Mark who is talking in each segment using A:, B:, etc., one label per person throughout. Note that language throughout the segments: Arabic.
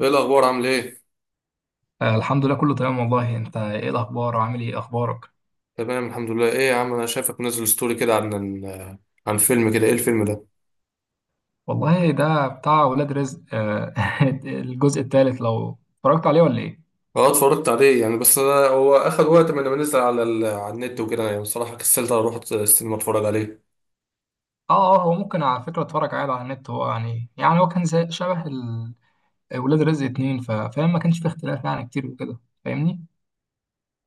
A: ايه الاخبار؟ عامل ايه؟
B: الحمد لله، كله تمام والله. انت ايه الاخبار وعامل ايه، اخبارك؟
A: تمام، الحمد لله. ايه يا عم، انا شايفك منزل ستوري كده عن عن فيلم كده. ايه الفيلم ده؟
B: والله ده بتاع ولاد رزق، الجزء الثالث لو اتفرجت عليه ولا ايه؟
A: اه، اتفرجت عليه يعني. بس انا هو اخد وقت من لما نزل على النت وكده، يعني بصراحه كسلت اروح السينما اتفرج عليه.
B: اه هو ممكن على فكره اتفرج عادي على النت. هو يعني هو كان زي شبه ولاد رزق اتنين. فاهم، ما كانش فيه اختلاف يعني كتير وكده. فاهمني؟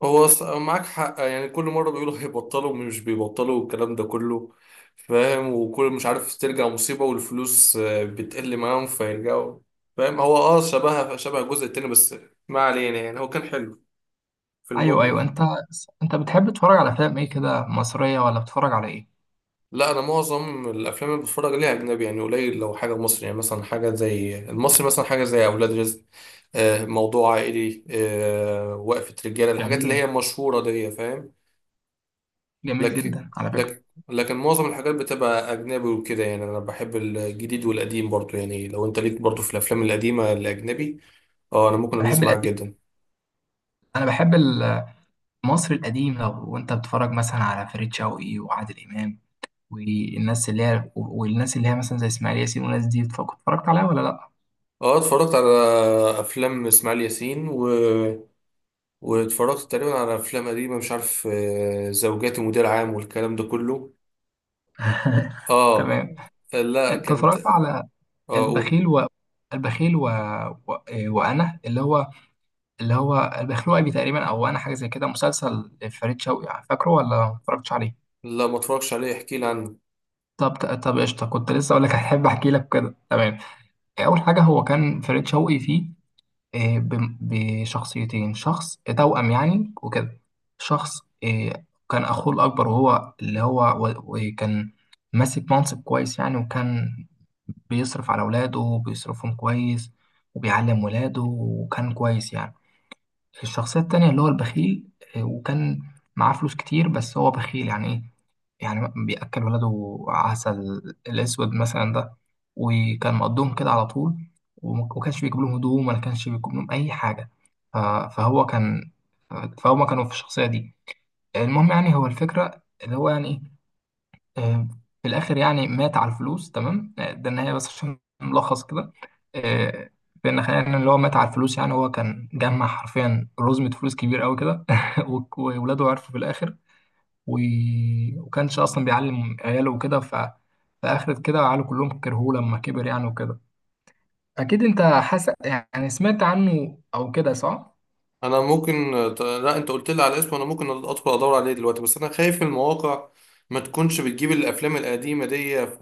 A: هو معاك حق. يعني كل مره بيقولوا هيبطلوا، مش بيبطلوا والكلام ده كله. فاهم؟ وكل مش عارف ترجع مصيبه، والفلوس بتقل معاهم فيرجعوا. فاهم؟ هو شبه الجزء التاني بس. ما علينا، يعني هو كان حلو في
B: ايوه
A: المجمل
B: ايوه
A: يعني.
B: انت بتحب تتفرج على افلام ايه كده، مصريه ولا بتتفرج على ايه؟
A: لا، انا معظم الافلام اللي بتفرج عليها اجنبي. يعني قليل لو حاجه مصري، يعني مثلا حاجه زي المصري، مثلا حاجه زي اولاد رزق. موضوع عائلي، وقفه رجاله، الحاجات اللي
B: جميل
A: هي مشهوره دي. فاهم؟
B: جميل
A: لكن
B: جدا على فكره.
A: لكن لكن معظم الحاجات بتبقى اجنبي وكده. يعني انا بحب الجديد والقديم برضو، يعني لو انت ليك برضو في الافلام القديمه الاجنبي. اه، انا ممكن
B: أنا
A: ادوس
B: بحب
A: معاك
B: القديم،
A: جدا.
B: انا بحب المصري القديم. لو وانت بتتفرج مثلا على فريد شوقي وعادل امام، والناس اللي هي مثلا زي اسماعيل ياسين، والناس دي اتفرجت عليها ولا لا؟
A: اه، اتفرجت على افلام اسماعيل ياسين واتفرجت تقريبا على افلام قديمه مش عارف زوجاتي مدير عام والكلام ده كله. اه.
B: تمام.
A: لا
B: انت
A: كانت.
B: اتفرجت على
A: اه، اقول.
B: البخيل و البخيل و... و... آه، وانا اللي هو البخيل وابي تقريبا، او انا حاجه زي كده، مسلسل فريد شوقي، فاكره ولا ما اتفرجتش عليه؟
A: لا، ما اتفرجش عليه، احكي لي عنه.
B: طب طب قشطه، كنت لسه اقول لك، هحب احكي لك كده تمام. اول حاجه، هو كان فريد شوقي فيه بشخصيتين، شخص توأم يعني وكده. شخص، كان أخوه الأكبر وهو اللي هو و- وكان ماسك منصب كويس يعني، وكان بيصرف على ولاده وبيصرفهم كويس، وبيعلم ولاده، وكان كويس يعني. الشخصية التانية اللي هو البخيل، وكان معاه فلوس كتير بس هو بخيل. يعني إيه يعني؟ بيأكل ولاده عسل الأسود مثلا ده، وكان مقضيهم كده على طول، وما كانش بيجيب لهم هدوم، ولا كانش بيجيب لهم أي حاجة. ف- فهو كان، فهما كانوا في الشخصية دي. المهم يعني، هو الفكرة اللي هو يعني إيه، آه، في الآخر يعني مات على الفلوس، تمام؟ ده النهاية بس عشان ملخص كده، آه، بأن خلينا اللي هو مات على الفلوس. يعني هو كان جمع حرفيا رزمة فلوس كبير قوي كده وولاده عرفوا في الآخر و... وكانش اصلا بيعلم عياله وكده. ف فاخرت كده عياله كلهم كرهوه لما كبر يعني وكده. اكيد انت حاسس يعني، سمعت عنه او كده، صح؟
A: انا ممكن لا، انت قلت لي على اسمه. انا ممكن ادخل ادور عليه دلوقتي، بس انا خايف المواقع ما تكونش بتجيب الافلام القديمه دي.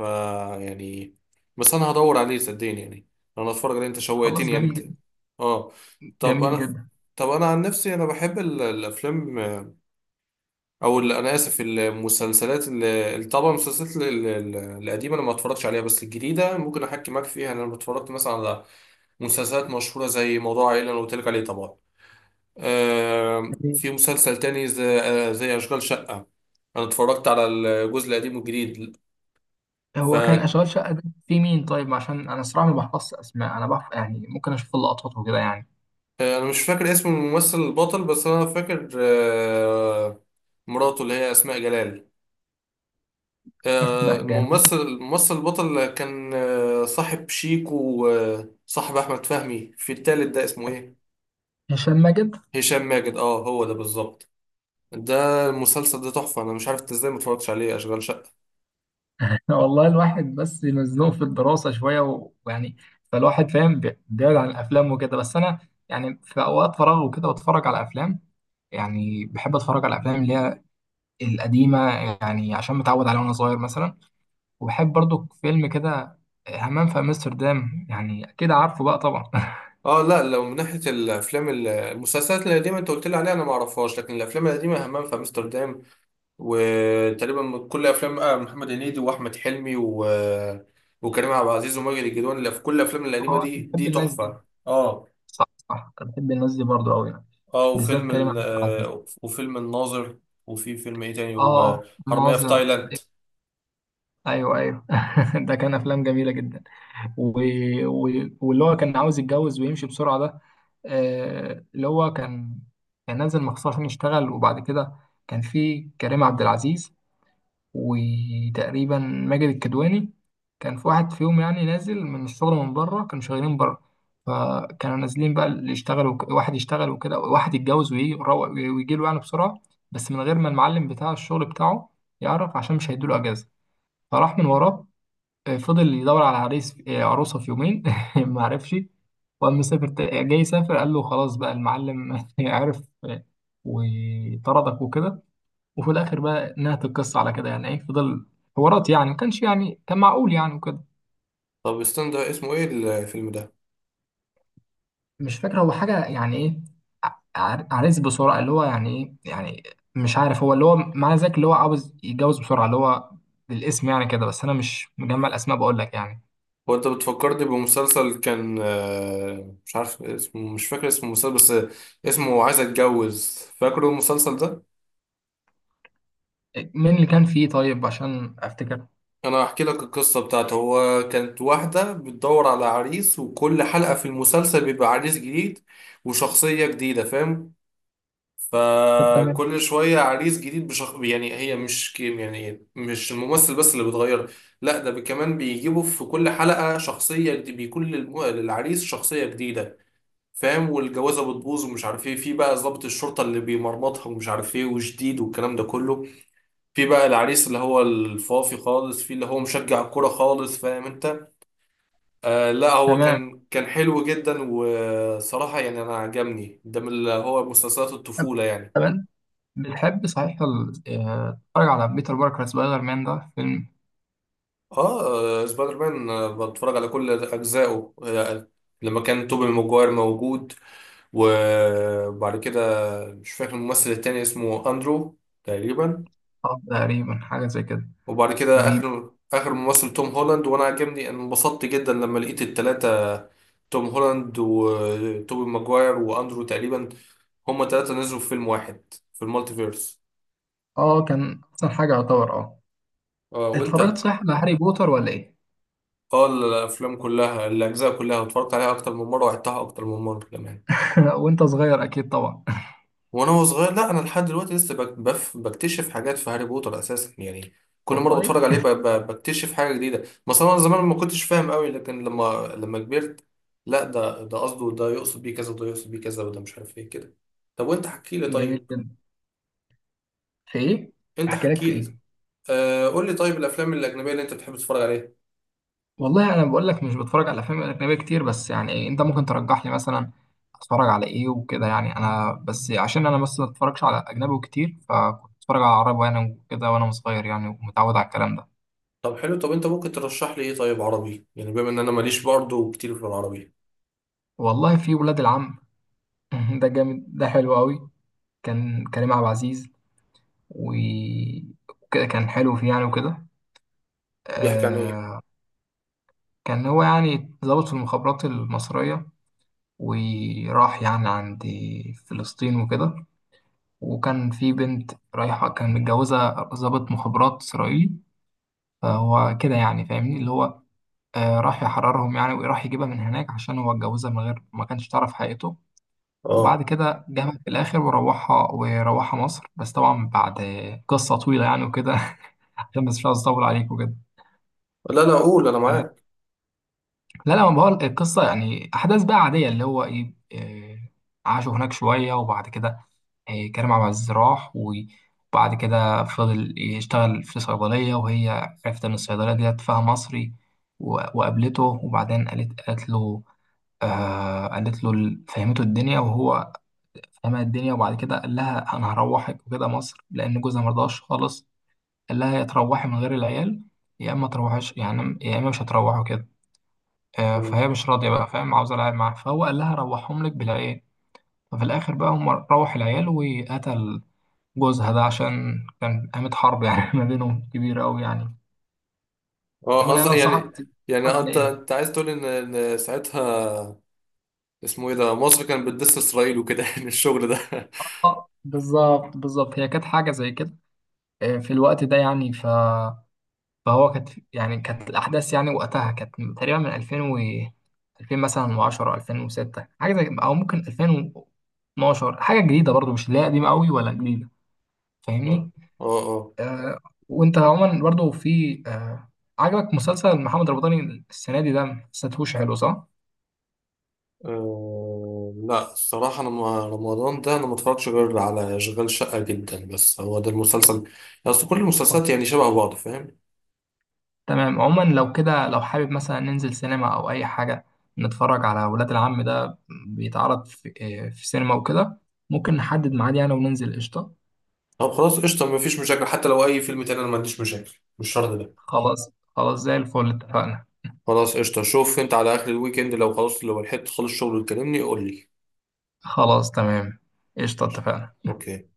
A: يعني، بس انا هدور عليه صدقني يعني. انا اتفرج عليه، انت
B: خلاص،
A: شوقتني يعني
B: جميل
A: انت.
B: جدا.
A: اه. طب
B: جميل
A: انا
B: جدا.
A: طب انا عن نفسي انا بحب الافلام، او اللي انا اسف، المسلسلات اللي طبعا المسلسلات ال- القديمه انا ما اتفرجتش عليها. بس الجديده ممكن احكي معاك فيها. انا اتفرجت مثلا على مسلسلات مشهوره زي موضوع عائله اللي قلت لك عليه طبعا. في مسلسل تاني زي اشغال شقه. انا اتفرجت على الجزء القديم والجديد. ف
B: هو كان اشغال شقه ده في مين طيب، عشان انا صراحه ما بحفظش اسماء، انا بحف يعني ممكن اشوف اللقطات وكده يعني.
A: آه، انا مش فاكر اسم الممثل البطل. بس انا فاكر مراته اللي هي اسماء جلال.
B: اسماء جلال.
A: الممثل البطل كان صاحب شيكو وصاحب احمد فهمي. في التالت ده اسمه ايه؟
B: هشام ماجد.
A: هشام ماجد، اه هو ده بالظبط. ده المسلسل ده تحفه. انا مش عارف انت ازاي ما اتفرجتش عليه اشغال شقه.
B: والله الواحد بس مزنوق في الدراسه شويه ويعني، فالواحد فاهم، بيبعد عن الافلام وكده، بس انا يعني في اوقات فراغ وكده بتفرج على افلام. يعني بحب اتفرج على الافلام اللي هي القديمه، يعني عشان متعود عليها وانا صغير مثلا. وبحب برضو فيلم كده همام في امستردام، يعني اكيد عارفه بقى طبعا.
A: اه، لا، لو من ناحيه الافلام المسلسلات القديمه انت قلت لي عليها، انا ما اعرفهاش. لكن الافلام القديمه، همام في امستردام، وتقريبا كل افلام محمد هنيدي واحمد حلمي وكريم عبد العزيز وماجد الكدواني اللي في كل الافلام القديمه
B: اه، أنا
A: دي،
B: بحب
A: دي
B: الناس دي.
A: تحفه. اه،
B: صح، أنا بحب الناس دي برضو قوي يعني.
A: اه،
B: بالذات
A: وفيلم
B: كريم
A: ال
B: عبد العزيز.
A: آه، وفيلم الناظر، وفي فيلم ايه تاني،
B: اه،
A: وحرامية في
B: ناظر.
A: تايلاند.
B: ايوه ايوه. ده كان افلام جميله جدا. و... و... واللي هو كان عاوز يتجوز ويمشي بسرعه ده، اللي هو كان، كان نازل مخصوص عشان يشتغل، وبعد كده كان في كريم عبد العزيز وتقريبا ماجد الكدواني. كان في واحد فيهم يعني نازل من الشغل، من بره، كانوا شغالين بره، فكانوا نازلين بقى اللي يشتغل واحد يشتغل وكده، واحد يتجوز ويجي، ويجي له يعني بسرعة، بس من غير ما المعلم بتاع الشغل بتاعه يعرف، عشان مش هيدوله أجازة، فراح من وراه. فضل يدور على عريس، عروسة في يومين ما عرفش، وقام مسافر، جاي يسافر قال له خلاص بقى، المعلم عرف وطردك وكده. وفي الاخر بقى نهت القصه على كده. يعني ايه، فضل حوارات يعني. ما كانش يعني كان معقول يعني وكده.
A: طب استنى، ده اسمه ايه الفيلم ده؟
B: مش فاكر هو حاجه يعني ايه، عريس بسرعه اللي هو يعني، ايه يعني، مش عارف، هو اللي هو معنى ذلك اللي هو عاوز يتجوز بسرعه اللي هو، بالاسم يعني كده، بس انا مش مجمع الاسماء بقول لك يعني.
A: هو انت بتفكرني بمسلسل كان مش عارف اسمه، مش فاكر اسم المسلسل. بس اسمه "عايز اتجوز"، فاكره المسلسل ده؟
B: مين اللي كان فيه طيب عشان افتكر؟
A: انا هحكي لك القصة بتاعته. هو كانت واحدة بتدور على عريس، وكل حلقة في المسلسل بيبقى عريس جديد وشخصية جديدة، فاهم؟
B: طب تمام
A: فكل شوية عريس جديد يعني هي مش كيم، يعني مش الممثل بس اللي بيتغير. لا، ده كمان بيجيبوا في كل حلقة شخصية بيكون للعريس شخصية جديدة. فاهم؟ والجوازة بتبوظ ومش عارف ايه، في بقى ضابط الشرطة اللي بيمرمطها، ومش عارف ايه، وجديد، والكلام ده كله. في بقى العريس اللي هو الفافي خالص، في اللي هو مشجع الكورة خالص، فاهم انت؟ آه، لا، هو
B: تمام
A: كان حلو جدا. وصراحة يعني انا عجبني ده من اللي هو مسلسلات الطفولة يعني.
B: تمام. بتحب صحيح تتفرج على بيتر باركر، سبايدر مان ده فيلم؟
A: اه، سبايدر مان، بتفرج على كل اجزائه لما كان توبي ماجواير موجود. وبعد كده، مش فاكر الممثل التاني، اسمه اندرو تقريبا.
B: تقريبا حاجه زي كده.
A: وبعد
B: و
A: كده، اخر ممثل توم هولاند، وانا عجبني. أنا انبسطت جدا لما لقيت التلاتة، توم هولاند وتوبي ماجواير واندرو تقريبا، هما تلاتة نزلوا في فيلم واحد في المالتيفيرس.
B: اه كان احسن حاجه يعتبر، اه.
A: اه.
B: اتفرجت
A: وانت؟
B: صح على هاري بوتر ولا ايه؟
A: اه، الافلام كلها، الاجزاء كلها اتفرجت عليها اكتر من مرة، وعدتها اكتر من مرة كمان.
B: لا، وانت صغير اكيد طبعا.
A: وأنا صغير، لا، انا لحد دلوقتي لسه بكتشف حاجات في هاري بوتر اساسا يعني. كل مره
B: والله.
A: بتفرج عليه بكتشف حاجه جديده. مثلا انا زمان ما كنتش فاهم قوي، لكن لما كبرت، لا، ده قصده، ده يقصد بيه كذا، وده يقصد بيه كذا، وده مش عارف ايه كده. طب وانت، حكي لي
B: جميل
A: طيب.
B: جدا. في ايه؟
A: انت
B: احكي لك
A: حكي
B: في
A: لي.
B: ايه؟
A: قول لي طيب، الافلام الاجنبيه اللي انت بتحب تتفرج عليها؟
B: والله انا بقول لك مش بتفرج على افلام اجنبيه كتير، بس يعني إيه، انت ممكن ترجح لي مثلا اتفرج على ايه وكده يعني. انا بس عشان انا بس ما اتفرجش على اجنبي كتير، فكنت بتفرج على عربي وانا كده وانا صغير يعني، ومتعود على الكلام ده.
A: طب حلو. طب انت ممكن ترشح لي ايه طيب عربي؟ يعني بما ان انا ماليش برضه كتير في العربي.
B: والله في ولاد العم ده جامد، ده حلو قوي. كان كريم عبد العزيز و- وكده، كان حلو فيه يعني وكده.
A: بيحكي عن ايه؟
B: آه، كان هو يعني ضابط في المخابرات المصرية، وراح يعني عند فلسطين وكده، وكان في بنت رايحة كان متجوزة ضابط مخابرات إسرائيلي، فهو كده يعني فاهمني، اللي هو راح يحررهم يعني، وراح يجيبها من هناك عشان هو اتجوزها من غير ما كانش تعرف حقيقته.
A: اه،
B: وبعد كده جابها في الآخر وروحها، وروحها مصر، بس طبعا بعد قصة طويلة يعني وكده. عشان بس مش عاوز أطول عليك وكده.
A: لا لا، قول، انا معاك.
B: لا لا، ما بقول القصة يعني، أحداث بقى عادية، اللي هو إيه، عاشوا هناك شوية، وبعد كده كريم عبد العزيز راح، وبعد كده فضل يشتغل في صيدلية، وهي عرفت إن الصيدلية ديت فيها مصري، و- وقابلته وبعدين قالت له، آه قالت له فهمته الدنيا، وهو فهمها الدنيا، وبعد كده قال لها أنا هروحك وكده مصر، لأن جوزها مرضاش خالص. قال لها يا تروحي من غير العيال، يا إما تروحيش يعني، يا إما مش هتروحوا كده. فهي مش راضية بقى، فاهم، عاوزة العيال معاها، فهو قال لها روحهم لك بالعيال. ففي الآخر بقى هم روح العيال، وقتل جوزها ده، عشان كان قامت حرب يعني ما بينهم كبيرة أوي يعني.
A: اه،
B: عموما أنا
A: قصدي
B: أنصحك
A: يعني
B: تتفرج
A: انت
B: عليه.
A: انت عايز تقول إن ساعتها اسمه ايه ده، مصر كانت بتدس اسرائيل وكده يعني الشغل ده.
B: بالظبط، هي كانت حاجة زي كده، في الوقت ده يعني. فهو كانت يعني، كانت الأحداث يعني وقتها كانت من- تقريبا من 2000 و 2000 مثلا و10 2006، حاجة زي، أو ممكن 2012. حاجة جديدة برضو، مش لا قديمة أوي ولا جديدة،
A: اه.
B: فاهمني؟
A: اه.
B: آه، وانت عموما برضو في عجبك مسلسل محمد رمضان السنه دي، ده ما حسيتهوش حلو، صح؟
A: لا، الصراحة أنا رمضان ده أنا ما اتفرجتش غير على أشغال شقة جدا، بس هو ده المسلسل. أصل كل
B: آه.
A: المسلسلات يعني شبه بعض، فاهم؟
B: تمام. عموما لو كده، لو حابب مثلا ننزل سينما او اي حاجه، نتفرج على ولاد العم ده، بيتعرض في سينما وكده، ممكن نحدد ميعاد يعني وننزل، قشطه.
A: طب خلاص قشطة، مفيش مشاكل. حتى لو أي فيلم تاني أنا ما عنديش مشاكل، مش شرط ده.
B: خلاص زي الفل، اتفقنا.
A: خلاص قشطة. شوف أنت على آخر الويك إند، لو خلاص، لو لحقت خلص شغل وتكلمني، قول لي.
B: خلاص تمام، قشطه،
A: قشطة.
B: اتفقنا.
A: أوكي.